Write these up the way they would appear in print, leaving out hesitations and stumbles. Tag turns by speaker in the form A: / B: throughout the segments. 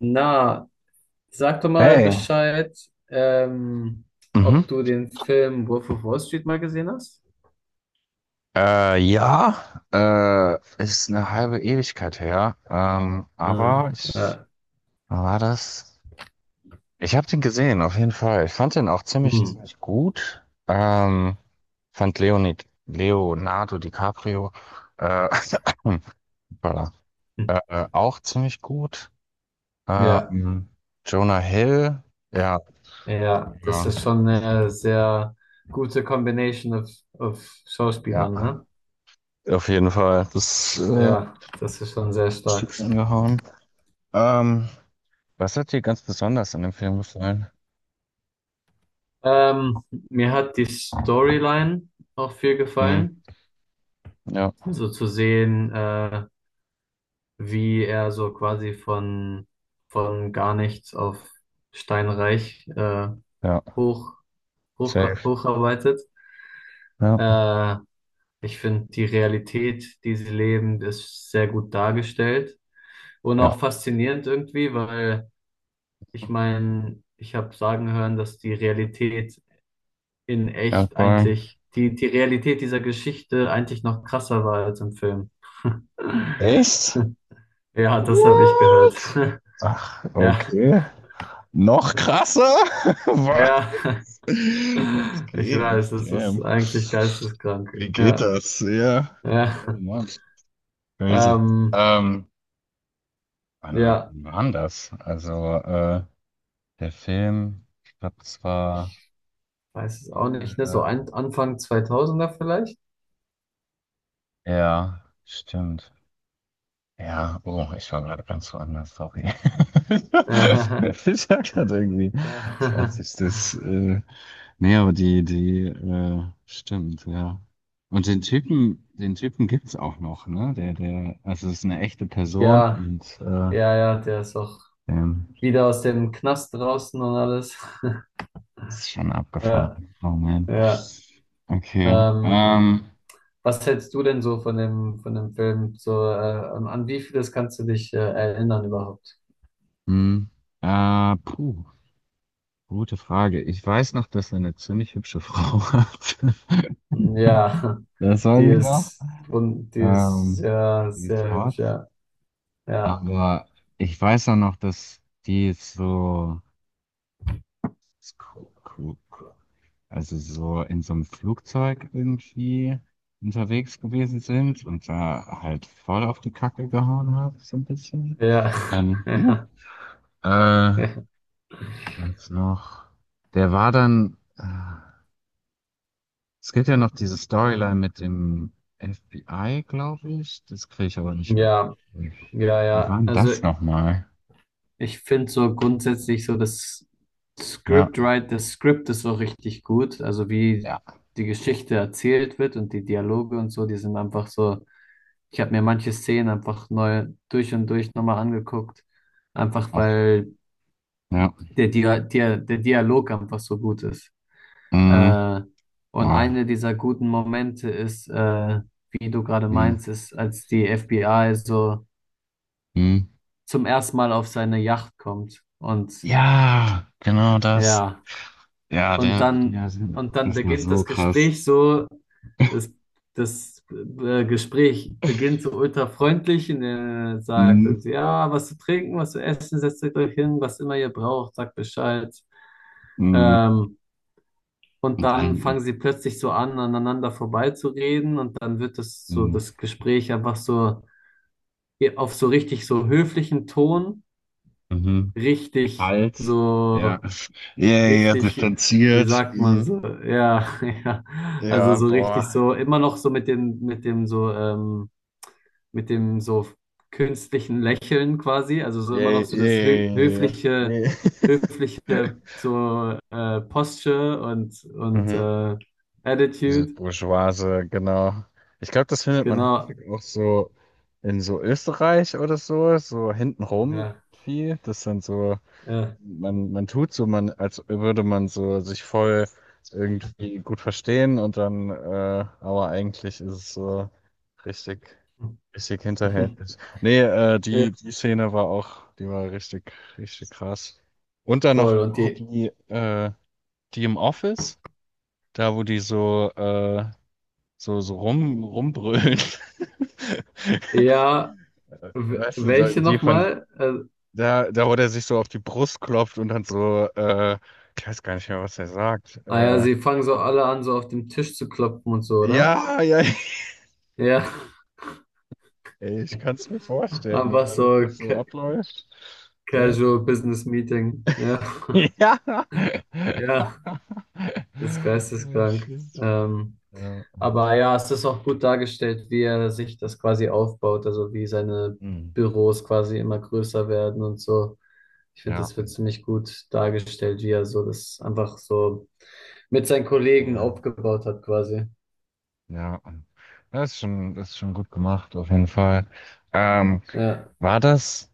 A: Na, sag doch mal
B: Hey,
A: Bescheid, ähm,
B: mhm.
A: ob du den Film Wolf of Wall Street mal gesehen hast.
B: Ja, ist eine halbe Ewigkeit her,
A: Ah,
B: aber
A: ja.
B: wann war das? Ich habe den gesehen, auf jeden Fall. Ich fand den auch ziemlich,
A: Hm.
B: ziemlich gut. Fand Leonardo DiCaprio, äh, voilà, auch ziemlich gut.
A: Ja,
B: Ähm, Jonah Hill, ja,
A: ja, das
B: ja,
A: ist schon eine sehr gute Combination of
B: ja,
A: Schauspielern, ne?
B: auf jeden Fall, das
A: Ja, das ist schon sehr stark.
B: Stück angehauen. Ähm, Was hat dir ganz besonders an dem Film gefallen?
A: Ähm, mir hat die Storyline auch viel
B: Hm,
A: gefallen.
B: ja,
A: So zu sehen, wie er so quasi von gar nichts auf steinreich
B: ja,
A: hoch,
B: safe.
A: hocharbeitet.
B: Ja,
A: Äh, ich finde, die Realität, die sie leben, ist sehr gut dargestellt und
B: ja,
A: auch faszinierend irgendwie, weil ich meine, ich habe sagen hören, dass die Realität in echt
B: Erdbeeren.
A: eigentlich, die Realität dieser Geschichte eigentlich noch krasser war als im Film.
B: Echt?
A: Ja, das habe ich
B: What?
A: gehört.
B: Ach,
A: Ja,
B: okay. Noch krasser? Was?
A: ja.
B: Was
A: Ich
B: geht?
A: weiß, es ist
B: Damn.
A: eigentlich geisteskrank.
B: Wie geht
A: Ja,
B: das? Ja. Oh
A: ja.
B: Mann. Crazy.
A: Ähm,
B: Ähm, wann
A: ja.
B: war denn das? Also, der Film, ich glaube, das war
A: Ich weiß es auch nicht, ne?
B: Ende.
A: So Anfang 2000er er vielleicht?
B: Ja, stimmt. Ja, oh, ich war gerade ganz woanders, sorry. Ich war gerade irgendwie
A: Ja,
B: 20. Nee, aber die, stimmt, ja. Und den Typen, gibt's auch noch, ne? Der, also es ist eine echte Person
A: ja,
B: und
A: ja, ja, der ist auch
B: ähm,
A: wieder aus dem Knast draußen und alles.
B: ist schon
A: Ja,
B: abgefahren. Oh man.
A: ja.
B: Okay.
A: Ähm, was hältst du denn so von dem Film? So, an wie vieles kannst du dich erinnern überhaupt?
B: Hm, puh, gute Frage. Ich weiß noch, dass er eine ziemlich hübsche Frau hat.
A: Ja,
B: Das weiß ich noch.
A: die ist
B: Ähm,
A: sehr,
B: die ist
A: sehr hübsch,
B: hart.
A: ja. Ja,
B: Aber ich weiß auch noch, dass die so, also so in so einem Flugzeug irgendwie unterwegs gewesen sind und da halt voll auf die Kacke gehauen hat, so ein bisschen.
A: ja,
B: Dann, äh,
A: ja,
B: was noch? Der war dann, es gibt ja noch diese Storyline mit dem FBI, glaube ich. Das kriege ich aber nicht mit.
A: ja, ja,
B: Wie war
A: ja.
B: denn
A: Also
B: das nochmal?
A: ich finde so grundsätzlich so das
B: Ja.
A: Das Skript ist so richtig gut. Also wie
B: Ja.
A: die Geschichte erzählt wird und die Dialoge und so, die sind einfach so. Ich habe mir manche Szenen einfach neu durch und durch nochmal angeguckt, einfach
B: Okay.
A: weil
B: Ja.
A: der Dialog einfach so gut ist.
B: Mhm.
A: Äh, und
B: Wow.
A: eine dieser guten Momente ist, wie du gerade
B: Mhm.
A: meinst, ist, als die FBI so
B: Mhm.
A: zum ersten Mal auf seine Yacht kommt und
B: Ja, genau das.
A: ja.
B: Ja,
A: Und
B: der,
A: dann,
B: der,
A: und dann
B: das war
A: beginnt
B: so
A: das
B: krass.
A: Gespräch so, das, das Gespräch beginnt so ultra freundlich und er sagt,
B: Mhm.
A: irgendwie, ja, was zu trinken, was zu essen, setzt euch hin, was immer ihr braucht, sagt Bescheid.
B: Mhm.
A: Ähm, und
B: Und
A: dann
B: dann
A: fangen sie plötzlich so an, aneinander vorbeizureden und dann wird das so,
B: mhm.
A: das Gespräch einfach so auf so richtig so höflichen Ton,
B: Mhm.
A: richtig
B: Kalt. Ja.
A: so
B: Yay, ja,
A: richtig, wie
B: distanziert.
A: sagt man
B: Mhm.
A: so, ja, ja, also
B: Ja,
A: so richtig
B: boah.
A: so, immer noch so, mit dem so künstlichen Lächeln quasi, also so immer noch
B: Yay,
A: so das
B: yay, yay. Yay.
A: höfliche so Posture und
B: Mhm. Dieses
A: Attitude,
B: Bourgeoise, genau. Ich glaube, das findet man häufig
A: genau,
B: auch so in so Österreich oder so, so hintenrum
A: ja,
B: viel. Das sind so,
A: ja.
B: man tut so, man, als würde man so sich voll irgendwie gut verstehen und dann, aber eigentlich ist es so richtig, richtig hinterhältig. Nee,
A: Ja,
B: die Szene war auch, die war richtig, richtig krass. Und dann noch
A: cool, und die,
B: die im Office, da wo die so, so, so rumbrüllen.
A: ja,
B: Weißt du, da,
A: welche
B: die von,
A: nochmal? Äh,
B: da, wo der sich so auf die Brust klopft und dann so, ich weiß gar nicht mehr, was er sagt.
A: ah ja,
B: Äh,
A: sie fangen so alle an, so auf dem Tisch zu klopfen und so, oder?
B: ja, ja,
A: Ja,
B: ey, ich kann es mir vorstellen, und
A: einfach
B: wenn das
A: so
B: was so abläuft.
A: Casual
B: Damn.
A: Business Meeting. Ja,
B: Ja.
A: ja, das ist
B: Oh,
A: geisteskrank.
B: shit.
A: Ähm,
B: Ja.
A: aber ja, es ist auch gut dargestellt, wie er sich das quasi aufbaut, also wie seine
B: Hm.
A: Büros quasi immer größer werden und so. Ich finde,
B: Ja.
A: das wird ziemlich gut dargestellt, wie er so das einfach so mit seinen Kollegen
B: Voll.
A: aufgebaut hat quasi.
B: Ja. Das ist schon gut gemacht, auf jeden Fall. Ähm,
A: Ja,
B: War das,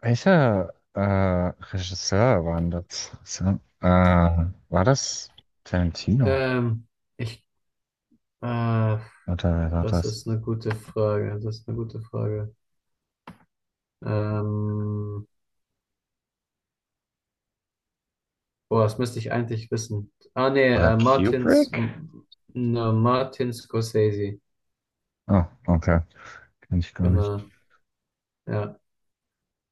B: welcher Regisseur war denn das? So, war das Tarantino?
A: ähm, ich, äh,
B: Oder wer war
A: das
B: das?
A: ist eine gute Frage. Das ist eine gute Frage. Ähm, Boah, das müsste ich eigentlich wissen. Ah, nee,
B: Oder Kubrick?
A: ne, Martin Scorsese.
B: Ah, okay. Kenn ich gar nicht.
A: Genau, ja.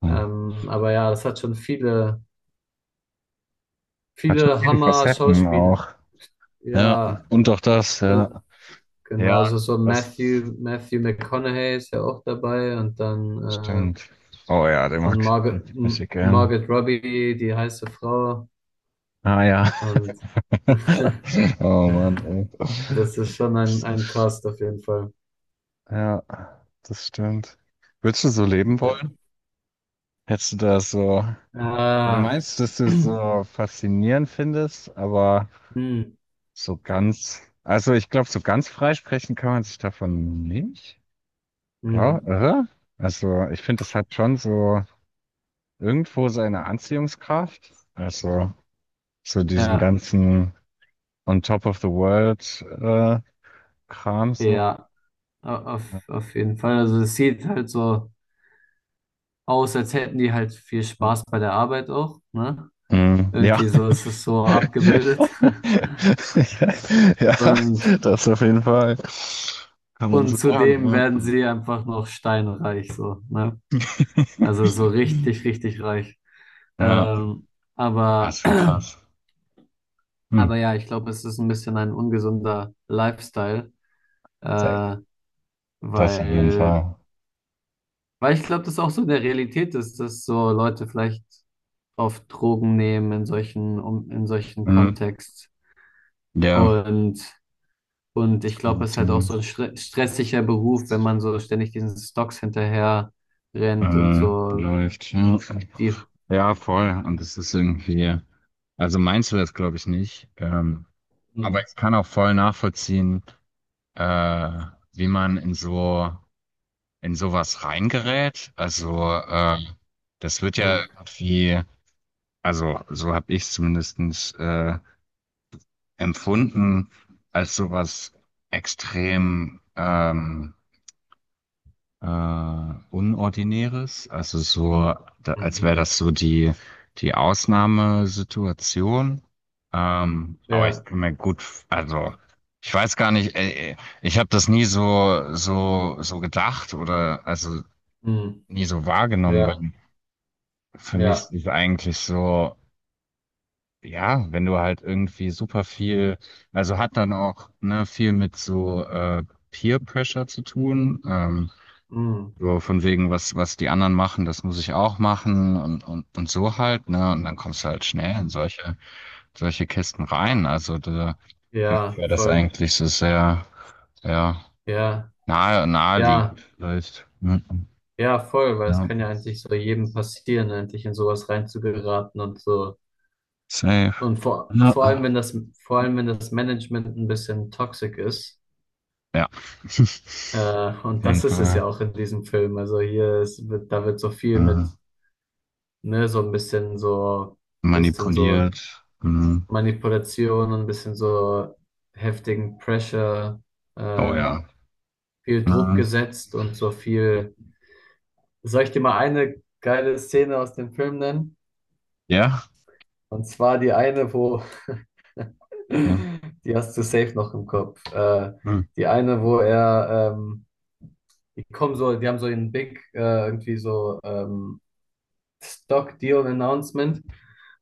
B: Hm.
A: Aber ja, das hat schon viele,
B: Hat schon
A: viele
B: viele Facetten
A: Hammer-Schauspiel.
B: auch. Ja,
A: Ja,
B: und auch das,
A: äh,
B: ja. Ja,
A: genau, so
B: das
A: Matthew McConaughey ist ja auch dabei und dann, äh,
B: stimmt. Oh ja, den
A: und
B: mag ich richtig bisschen gern.
A: Margot Robbie, die heiße Frau.
B: Ah ja.
A: Und
B: Oh Mann, ey.
A: das ist schon ein Cast auf jeden Fall.
B: Ja, das stimmt. Würdest du so leben
A: Ja.
B: wollen? Hättest du da so, du
A: Ah.
B: meinst, dass du es so faszinierend findest, aber
A: Hm,
B: so ganz, also ich glaube, so ganz freisprechen kann man sich davon nicht. Klar,
A: hm,
B: oder? Also ich finde, es hat schon so irgendwo seine Anziehungskraft. Also so diesen
A: ja,
B: ganzen on top of the world Kram so.
A: ja, auf jeden Fall. Also es sieht halt so aus, als hätten die halt viel Spaß bei der Arbeit auch, ne?
B: Hm, ja.
A: Irgendwie so ist es so abgebildet.
B: Ja,
A: Und,
B: das auf jeden Fall. Kann man
A: und
B: so sagen.
A: zudem
B: Ja.
A: werden sie einfach noch steinreich, so, ne? Also so richtig, richtig reich.
B: Ja,
A: Ähm,
B: das
A: aber,
B: ist schon krass. Hm.
A: aber ja, ich glaube, es ist ein bisschen ein ungesunder Lifestyle,
B: Sehr-
A: äh,
B: Das auf jeden
A: weil
B: Fall.
A: Weil ich glaube, das ist auch so in der Realität ist, dass so Leute vielleicht oft Drogen nehmen um, in solchen
B: Hm.
A: Kontext.
B: Ja,
A: Und, und ich glaube, es ist halt auch
B: Konnotation
A: so ein stressiger Beruf, wenn man so ständig diesen Stocks hinterher rennt und so
B: läuft. Ja.
A: die.
B: Ja, voll. Und das ist irgendwie, also meinst du das, glaube ich, nicht. Aber
A: Hm,
B: ich kann auch voll nachvollziehen, äh, wie man in sowas reingerät. Also, das wird ja
A: hm,
B: irgendwie, also so habe ich es zumindest äh, empfunden als sowas extrem äh, Unordinäres. Also so, da, als wäre
A: mhm.
B: das so die Ausnahmesituation. Aber ich
A: Ja,
B: kann mir gut, also ich weiß gar nicht, ich habe das nie so gedacht oder also
A: hm,
B: nie so wahrgenommen, weil
A: ja,
B: für mich
A: ja,
B: ist eigentlich so. Ja, wenn du halt irgendwie super viel, also hat dann auch ne, viel mit so Peer Pressure zu tun. Ähm,
A: hm,
B: so von wegen, was die anderen machen, das muss ich auch machen und so halt, ne? Und dann kommst du halt schnell in solche Kisten rein. Also da, für mich
A: ja,
B: wäre das
A: voll.
B: eigentlich so sehr, sehr
A: Ja, ja,
B: naheliegend vielleicht. Ja,
A: ja, voll, weil es
B: ja,
A: kann ja eigentlich so jedem passieren, eigentlich in sowas reinzugeraten und so.
B: safe.
A: Und
B: Ja,
A: vor allem, wenn das Management ein bisschen toxic ist,
B: ja. Auf
A: und
B: jeden
A: das ist es
B: Fall.
A: ja auch in diesem Film. Also hier da wird so viel mit, ne, so ein bisschen so
B: Manipuliert. Mhm.
A: Manipulation und ein bisschen so heftigen Pressure,
B: Oh
A: äh,
B: ja.
A: viel Druck
B: Mhm.
A: gesetzt und so viel. Soll ich dir mal eine geile Szene aus dem Film nennen?
B: Ja?
A: Und zwar die eine, wo
B: Okay.
A: die hast du safe noch im Kopf. Äh,
B: Mhm.
A: die eine, wo er, die haben so einen Big, irgendwie so Stock Deal Announcement.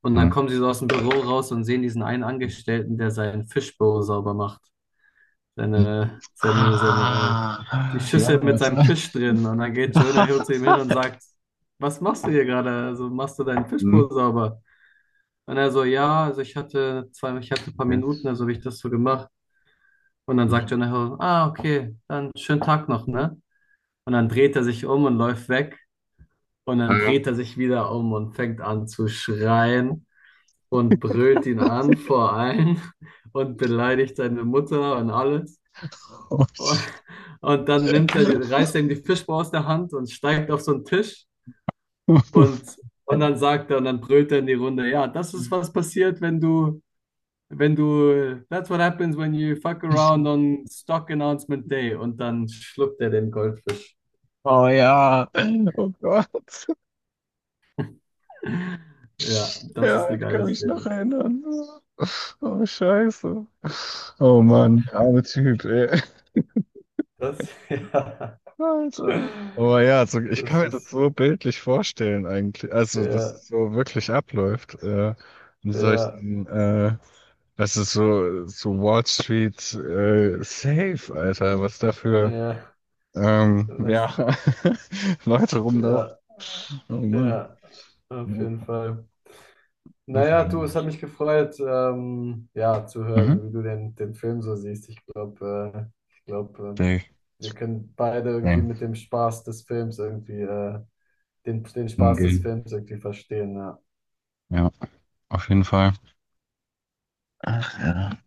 A: Und dann
B: Mhm.
A: kommen sie so aus dem Büro raus und sehen diesen einen Angestellten, der seinen Fishbowl sauber macht.
B: Mhm.
A: Seine, seine, seine, die
B: Ah, ja,
A: Schüssel mit
B: was?
A: seinem Fisch drin. Und dann geht Jonah Hill zu ihm hin und sagt: Was machst du hier gerade? Also machst du deinen
B: Mhm.
A: Fishbowl sauber? Und er so, ja, also ich hatte ein paar
B: Okay.
A: Minuten, also habe ich das so gemacht. Und dann sagt
B: Ja.
A: Jonah Hill: Ah, okay, dann schönen Tag noch, ne? Und dann dreht er sich um und läuft weg. Und dann
B: Ähm,
A: dreht er sich wieder um und fängt an zu schreien und brüllt ihn an vor allen und beleidigt seine Mutter und alles.
B: Oh,
A: Und, und dann nimmt er, reißt er ihm die Fischbar aus der Hand und steigt auf so einen Tisch und, und dann brüllt er in die Runde, ja, das ist, was passiert, wenn du that's what happens when you fuck around on Stock Announcement Day und dann schluckt er den Goldfisch.
B: oh ja, oh Gott,
A: Ja, das ist
B: ja,
A: eine
B: ich kann
A: geile
B: mich noch
A: Szene.
B: erinnern. Oh Scheiße. Oh Mann, der arme Typ, ey.
A: Das, ja,
B: Alter. Aber ja, also ich kann
A: das
B: mir das
A: ist,
B: so bildlich vorstellen eigentlich. Also, dass
A: ja,
B: es so wirklich abläuft. In
A: ja,
B: solchen, das ist so, so Wall Street safe, Alter. Was da für
A: ja, das,
B: ja, Leute rumlaufen.
A: ja,
B: Oh Mann.
A: ja, auf jeden Fall. Naja, du,
B: Mhm.
A: es hat mich gefreut, ja, zu hören, wie du den Film so siehst. Ich glaube, äh, ich glaube,
B: Safe.
A: äh, wir können beide irgendwie mit
B: Safe.
A: dem Spaß des Films irgendwie, den
B: Im
A: Spaß des Films irgendwie verstehen. Ja.
B: Ja, auf jeden Fall. Ach ja.